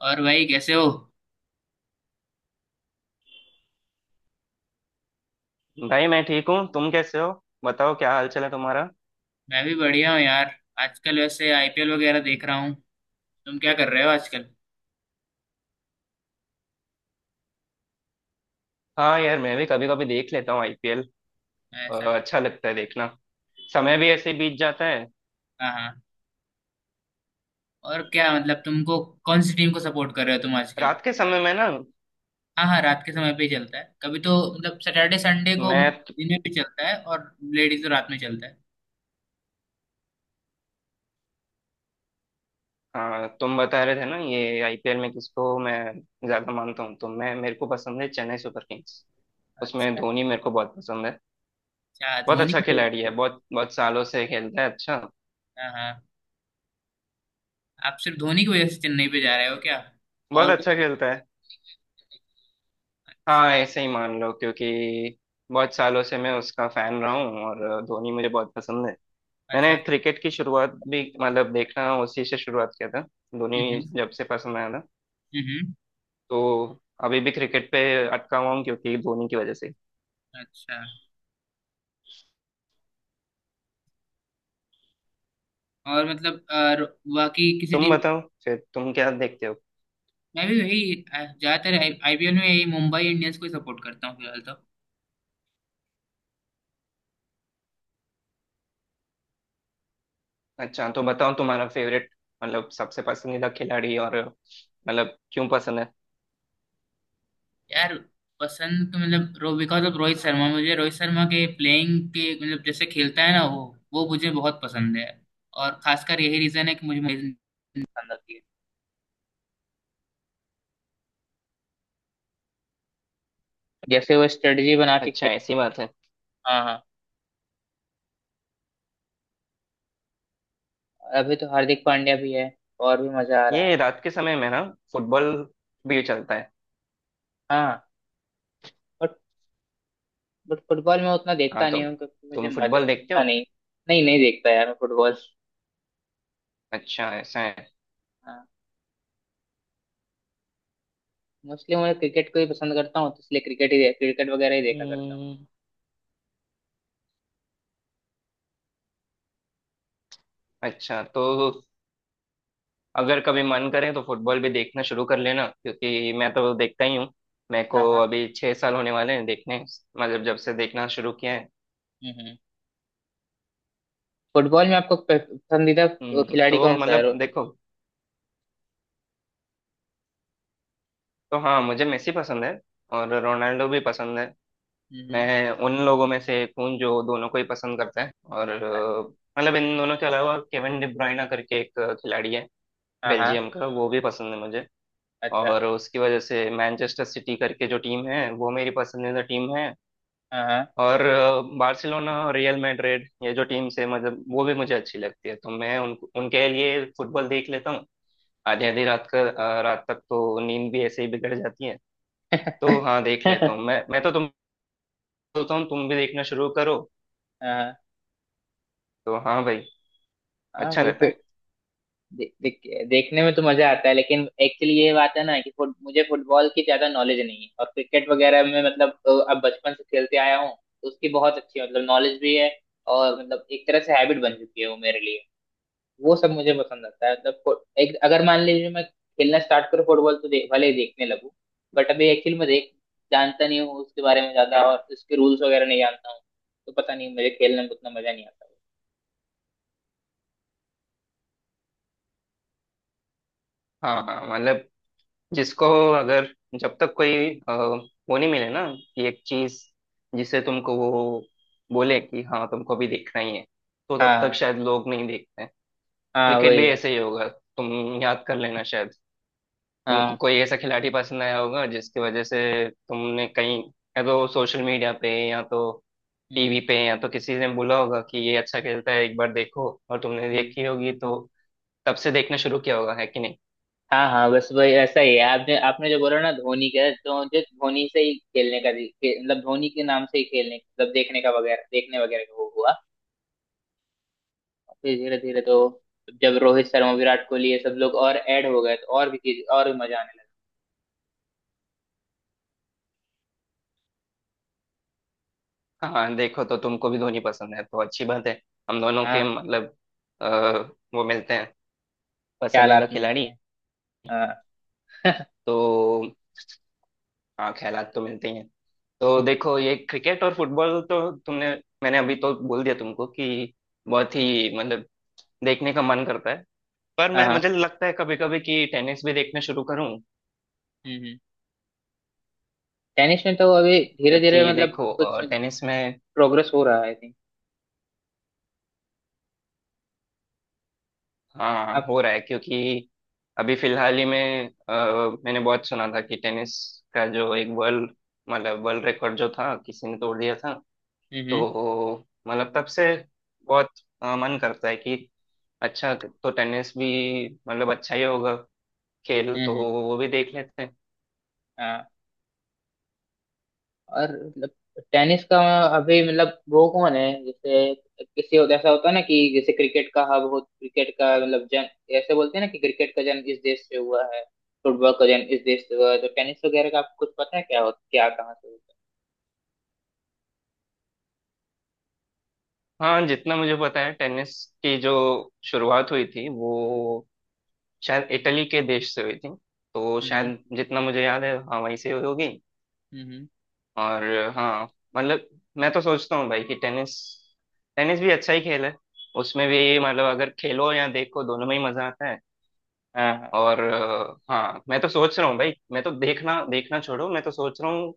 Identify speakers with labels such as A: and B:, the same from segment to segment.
A: और भाई कैसे हो?
B: भाई, मैं ठीक हूँ। तुम कैसे हो? बताओ, क्या हाल चाल है तुम्हारा।
A: मैं भी बढ़िया हूँ यार। आजकल वैसे आईपीएल वगैरह देख रहा हूँ। तुम क्या कर रहे हो आजकल?
B: हाँ यार, मैं भी कभी कभी देख लेता हूँ IPL।
A: ऐसा?
B: अच्छा लगता है देखना। समय भी ऐसे बीत जाता है।
A: हाँ हाँ। और क्या? मतलब, तुमको कौन सी टीम को सपोर्ट कर रहे हो तुम आजकल?
B: रात के समय में ना।
A: हाँ हाँ, रात के समय पे ही चलता है, कभी तो मतलब सैटरडे संडे को
B: मैं
A: दिन में भी चलता है। और लेडीज तो रात में चलता है।
B: तुम बता रहे थे ना ये IPL में किसको मैं ज्यादा मानता हूँ, तो मैं मेरे को पसंद है चेन्नई सुपर किंग्स। उसमें
A: अच्छा।
B: धोनी मेरे को बहुत पसंद है।
A: अच्छा,
B: बहुत
A: धोनी
B: अच्छा
A: की
B: खिलाड़ी
A: वजह
B: है,
A: से?
B: बहुत बहुत सालों से खेलता है। अच्छा।
A: हाँ हाँ। आप सिर्फ धोनी की वजह से चेन्नई पे जा रहे हो क्या?
B: बहुत
A: और
B: अच्छा
A: कुछ?
B: खेलता है।
A: अच्छा।
B: हाँ ऐसे ही मान लो, क्योंकि बहुत सालों से मैं उसका फैन रहा हूँ और धोनी मुझे बहुत पसंद है। मैंने
A: अच्छा।
B: क्रिकेट की शुरुआत भी मतलब देखना उसी से शुरुआत किया था। धोनी
A: हम्म।
B: जब से पसंद आया था
A: हम्म, हम्म।
B: तो अभी भी क्रिकेट पे अटका हुआ हूँ क्योंकि धोनी की वजह से।
A: अच्छा। और मतलब, और बाकी किसी
B: तुम
A: टीम?
B: बताओ फिर तुम क्या देखते हो।
A: मैं भी वही ज्यादातर आईपीएल में यही मुंबई इंडियंस को ही सपोर्ट करता हूँ फिलहाल तो।
B: अच्छा तो बताओ तुम्हारा फेवरेट मतलब सबसे पसंदीदा खिलाड़ी, और मतलब क्यों पसंद है।
A: यार, पसंद तो मतलब रो बिकॉज ऑफ रोहित शर्मा, मुझे रोहित शर्मा के प्लेइंग के, मतलब जैसे खेलता है ना वो मुझे बहुत पसंद है। और खासकर यही रीजन है कि मुझे मुझे पसंद आती है, जैसे वो स्ट्रेटजी बना के
B: अच्छा
A: खेल।
B: ऐसी बात है।
A: हाँ हाँ। अभी तो हार्दिक पांड्या भी है, और भी मजा आ रहा
B: ये
A: है।
B: रात के समय में ना फुटबॉल भी चलता है।
A: हाँ। बट बट फुटबॉल में उतना
B: हाँ
A: देखता
B: तो
A: नहीं हूँ क्योंकि मुझे
B: तुम
A: मजा
B: फुटबॉल देखते
A: उतना
B: हो?
A: नहीं। नहीं नहीं, देखता यार मैं फुटबॉल।
B: अच्छा ऐसा है।
A: मोस्टली मैं क्रिकेट को ही पसंद करता हूँ, तो इसलिए क्रिकेट ही, क्रिकेट वगैरह ही देखा करता हूँ।
B: हम्म, अच्छा तो अगर कभी मन करे तो फुटबॉल भी देखना शुरू कर लेना, क्योंकि मैं तो देखता ही हूँ। मेरे को
A: हाँ हाँ।
B: अभी 6 साल होने वाले हैं देखने। मतलब जब से देखना शुरू किया है।
A: हम्म। फुटबॉल में आपको पसंदीदा खिलाड़ी
B: तो
A: कौन सा है?
B: मतलब देखो। तो हाँ मुझे मेसी पसंद है और रोनाल्डो भी पसंद है।
A: हम्म हम्म,
B: मैं उन लोगों में से एक हूँ जो दोनों को ही पसंद करता है, और मतलब इन दोनों के अलावा केविन डी ब्रुयना करके एक खिलाड़ी है,
A: हाँ हाँ।
B: बेल्जियम का, वो भी पसंद है मुझे।
A: अच्छा।
B: और उसकी वजह से मैनचेस्टर सिटी करके जो टीम है वो मेरी पसंदीदा टीम है।
A: हाँ हाँ।
B: और बार्सिलोना, रियल मैड्रिड, ये जो टीम्स है मतलब वो भी मुझे अच्छी लगती है, तो मैं उनके लिए फुटबॉल देख लेता हूँ। आधी आधी रात रात तक तो नींद भी ऐसे ही बिगड़ जाती है। तो हाँ देख लेता हूँ मैं। मैं तो तुम बोलता हूँ, तुम भी देखना शुरू करो।
A: हाँ
B: तो हाँ भाई,
A: हाँ,
B: अच्छा
A: वही
B: रहता है।
A: फिर। देखने में तो मजा आता है, लेकिन एक्चुअली ये बात है ना कि मुझे फुटबॉल की ज्यादा नॉलेज नहीं है, और क्रिकेट वगैरह में मतलब अब बचपन से खेलते आया हूँ। तो उसकी बहुत अच्छी मतलब नॉलेज भी है, और मतलब एक तरह से हैबिट बन चुकी है वो मेरे लिए। वो सब मुझे पसंद आता है, मतलब एक अगर मान लीजिए मैं खेलना स्टार्ट करूँ फुटबॉल, तो देख भले ही देखने लगूं। बट अभी एक्चुअली मैं देख जानता नहीं हूँ उसके बारे में ज्यादा, और उसके रूल्स वगैरह नहीं जानता हूँ। तो पता नहीं, मुझे खेलने में उतना मजा नहीं आता।
B: हाँ हाँ मतलब जिसको, अगर, जब तक कोई वो नहीं मिले ना कि एक चीज जिसे तुमको वो बोले कि हाँ तुमको भी देखना ही है, तो तब तक
A: हाँ।
B: शायद लोग नहीं देखते हैं।
A: हाँ
B: क्रिकेट
A: वही
B: भी
A: बात
B: ऐसे
A: है।
B: ही होगा। तुम याद कर लेना शायद। तुमको
A: हाँ।
B: कोई ऐसा खिलाड़ी पसंद आया होगा जिसकी वजह से तुमने कहीं, या तो सोशल मीडिया पे, या तो TV
A: हम्म
B: पे, या तो किसी ने बोला होगा कि ये अच्छा खेलता है एक बार देखो, और तुमने
A: हम्म।
B: देखी होगी, तो तब से देखना शुरू किया होगा, है कि नहीं।
A: हाँ हाँ, बस वही ऐसा ही है, आपने आपने जो बोला ना धोनी का, तो मुझे धोनी से ही खेलने का मतलब धोनी के नाम से ही खेलने, मतलब देखने का वगैरह, देखने वगैरह का वो हुआ। फिर धीरे धीरे तो जब रोहित शर्मा, विराट कोहली ये सब लोग और ऐड हो गए, तो और भी चीज, और भी मजा आने
B: हाँ देखो तो तुमको भी धोनी पसंद है, तो अच्छी बात है। हम दोनों
A: लगा।
B: के
A: हाँ,
B: मतलब अ, वो मिलते हैं पसंदीदा
A: ख्यालात मिलते
B: खिलाड़ी।
A: हैं, हाँ।
B: तो हाँ ख्यालात तो मिलते ही हैं। तो देखो ये क्रिकेट और फुटबॉल तो तुमने मैंने अभी तो बोल दिया तुमको कि बहुत ही मतलब देखने का मन करता है। पर
A: हाँ
B: मैं
A: हाँ।
B: मुझे लगता है कभी कभी कि टेनिस भी देखना शुरू करूं।
A: हम्म। टेनिस में तो अभी धीरे धीरे
B: क्योंकि
A: मतलब
B: देखो
A: कुछ
B: टेनिस में,
A: प्रोग्रेस हो रहा है, आई थिंक।
B: हाँ,
A: अब।
B: हो रहा है क्योंकि अभी फिलहाल ही में मैंने बहुत सुना था कि टेनिस का जो एक वर्ल्ड मतलब वर्ल्ड रिकॉर्ड जो था किसी ने तोड़ दिया था।
A: हम्म।
B: तो मतलब तब से बहुत मन करता है कि अच्छा तो टेनिस भी मतलब अच्छा ही होगा, खेल
A: हम्म
B: तो
A: हम्म,
B: वो भी देख लेते हैं।
A: हाँ। और मतलब, टेनिस का अभी मतलब वो कौन है, जैसे ऐसा होता है ना कि जैसे क्रिकेट का हब हो, क्रिकेट का मतलब जन ऐसे बोलते हैं ना कि क्रिकेट का जन्म इस देश से हुआ है, फुटबॉल का जन्म इस देश से हुआ है, तो टेनिस वगैरह का आपको कुछ पता है क्या हो, क्या कहाँ से होता
B: हाँ जितना मुझे पता है टेनिस की जो शुरुआत हुई थी वो शायद इटली के देश से हुई थी। तो
A: है?
B: शायद जितना मुझे याद है, हाँ वहीं से हुई होगी।
A: हम्म।
B: और हाँ मतलब मैं तो सोचता हूँ भाई कि टेनिस, टेनिस भी अच्छा ही खेल है। उसमें भी मतलब अगर खेलो या देखो, दोनों में ही मजा आता है।
A: हाँ
B: और हाँ मैं तो सोच रहा हूँ भाई, मैं तो देखना देखना छोड़ो, मैं तो सोच रहा हूँ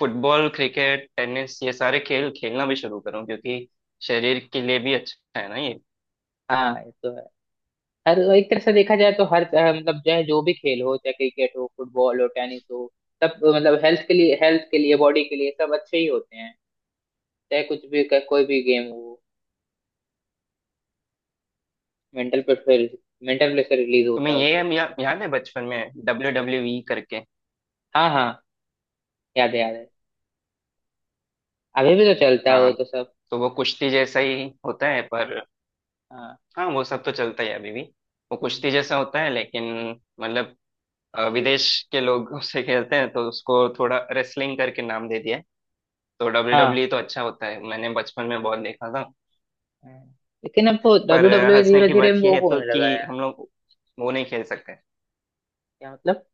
B: फुटबॉल, क्रिकेट, टेनिस ये सारे खेल खेलना भी शुरू करूँ, क्योंकि शरीर के लिए भी अच्छा है ना ये।
A: हाँ। हाँ, ये तो है। हर एक तरह से देखा जाए तो हर मतलब, चाहे जो भी खेल हो, चाहे क्रिकेट हो, फुटबॉल हो, टेनिस हो, सब मतलब हेल्थ के लिए बॉडी के लिए सब अच्छे ही होते हैं। चाहे कुछ भी, कोई भी गेम हो, mental pressure mental pressure release होता
B: तुम्हें
A: है
B: ये
A: उससे।
B: याद है बचपन में WWE करके?
A: हाँ हाँ, याद है याद है। अभी भी तो चलता है वो
B: हाँ
A: तो सब।
B: तो वो कुश्ती जैसा ही होता है, पर
A: हाँ।
B: हाँ वो सब तो चलता है अभी भी। वो
A: हम्म,
B: कुश्ती जैसा होता है, लेकिन मतलब विदेश के लोग उसे खेलते हैं, तो उसको थोड़ा रेसलिंग करके नाम दे दिया है। तो डब्ल्यू
A: हाँ।
B: डब्ल्यू ई तो अच्छा होता है, मैंने बचपन में बहुत देखा था।
A: हम्म। लेकिन अब वो डब्ल्यू
B: पर
A: डब्ल्यू
B: हंसने
A: धीरे
B: की
A: धीरे
B: बात यह
A: वो
B: है तो
A: होने लगा
B: कि
A: है।
B: हम लोग वो नहीं खेल सकते।
A: क्या मतलब?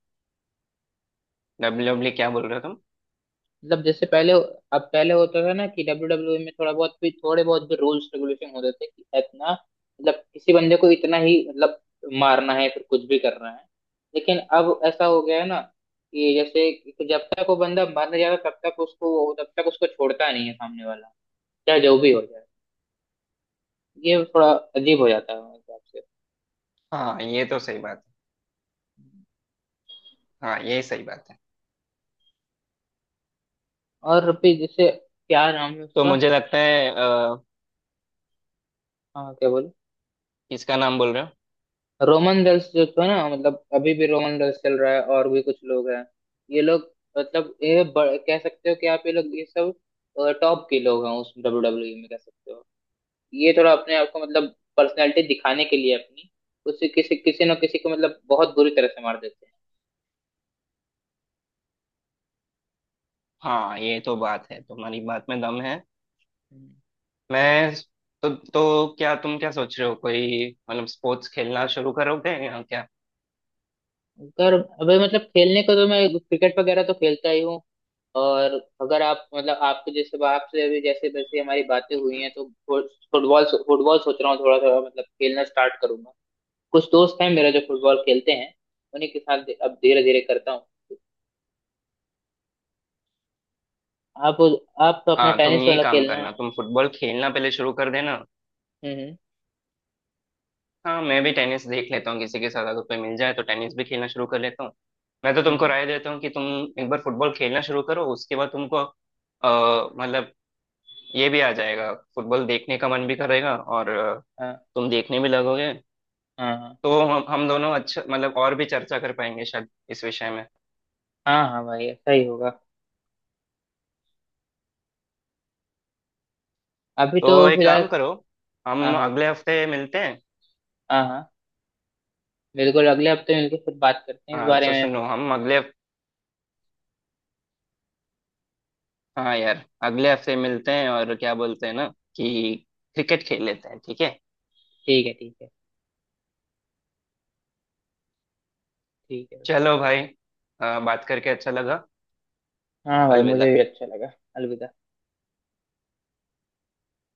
B: WW क्या बोल रहे हो तुम?
A: मतलब जैसे पहले, अब पहले होता था ना कि डब्ल्यू डब्ल्यू में थोड़ा बहुत भी थोड़े बहुत भी रूल्स रेगुलेशन होते थे कि इतना मतलब किसी बंदे को इतना ही मतलब मारना है, फिर कुछ भी करना है। लेकिन अब ऐसा हो गया है ना, कि जैसे कि जब तक वो बंदा मर नहीं जाता तब तक उसको, छोड़ता नहीं है सामने वाला, चाहे जो भी हो जाए। ये थोड़ा अजीब हो जाता है मेरे हिसाब से।
B: हाँ ये तो सही बात है। हाँ ये सही बात है।
A: और भी जैसे, क्या नाम है
B: तो
A: उसका?
B: मुझे लगता है
A: हाँ, क्या बोले?
B: किसका नाम बोल रहे हो?
A: रोमन रेल्स जो था ना, मतलब अभी भी रोमन रेल्स चल रहा है, और भी कुछ लोग हैं। ये लोग मतलब ये कह सकते हो कि आप, ये लोग ये सब टॉप के लोग हैं उस डब्ल्यू डब्ल्यू में, कह सकते हो। ये थोड़ा अपने आप को मतलब पर्सनैलिटी दिखाने के लिए अपनी, उससे किसी किसी न किसी को मतलब बहुत बुरी तरह से मार देते हैं।
B: हाँ ये तो बात है, तुम्हारी बात में दम है।
A: हम्म।
B: मैं तो क्या तुम क्या सोच रहे हो, कोई मतलब स्पोर्ट्स खेलना शुरू करोगे या क्या?
A: अगर अभी मतलब खेलने को तो मैं क्रिकेट वगैरह तो खेलता ही हूँ। और अगर आप मतलब आपके जैसे, आपसे अभी जैसे वैसे हमारी बातें हुई हैं, तो फुटबॉल फुटबॉल सोच रहा हूँ, थोड़ा थोड़ा मतलब खेलना स्टार्ट करूंगा। कुछ दोस्त हैं मेरा जो फुटबॉल खेलते हैं, उन्हीं के साथ अब धीरे धीरे करता हूँ। आप आप तो अपना
B: हाँ तुम
A: टेनिस
B: ये
A: वाला
B: काम
A: खेलना है।
B: करना, तुम फुटबॉल खेलना पहले शुरू कर देना।
A: हम्म
B: हाँ मैं भी टेनिस देख लेता हूँ, किसी के साथ अगर कोई मिल जाए तो टेनिस भी खेलना शुरू कर लेता हूँ। मैं तो
A: हम्म।
B: तुमको राय देता हूँ कि तुम एक बार फुटबॉल खेलना शुरू करो, उसके बाद तुमको मतलब ये भी आ जाएगा, फुटबॉल देखने का मन भी करेगा, और
A: हाँ
B: तुम देखने भी लगोगे।
A: हाँ। हाँ
B: तो हम दोनों अच्छा मतलब और भी चर्चा कर पाएंगे शायद इस विषय में।
A: हाँ। हाँ भाई, ऐसा ही होगा। अभी
B: तो
A: तो
B: एक
A: फिलहाल।
B: काम करो,
A: हाँ
B: हम
A: हाँ।
B: अगले हफ्ते मिलते हैं।
A: हाँ हाँ, बिल्कुल, अगले हफ्ते मिलकर फिर बात करते हैं इस
B: हाँ
A: बारे
B: तो
A: में अपन।
B: सुनो, हम अगले हाँ यार अगले हफ्ते मिलते हैं और क्या बोलते हैं ना कि क्रिकेट खेल लेते हैं, ठीक है।
A: ठीक है, ठीक है। ठीक है।
B: चलो भाई, बात करके अच्छा लगा।
A: हाँ भाई, मुझे भी
B: अलविदा।
A: अच्छा लगा। अलविदा।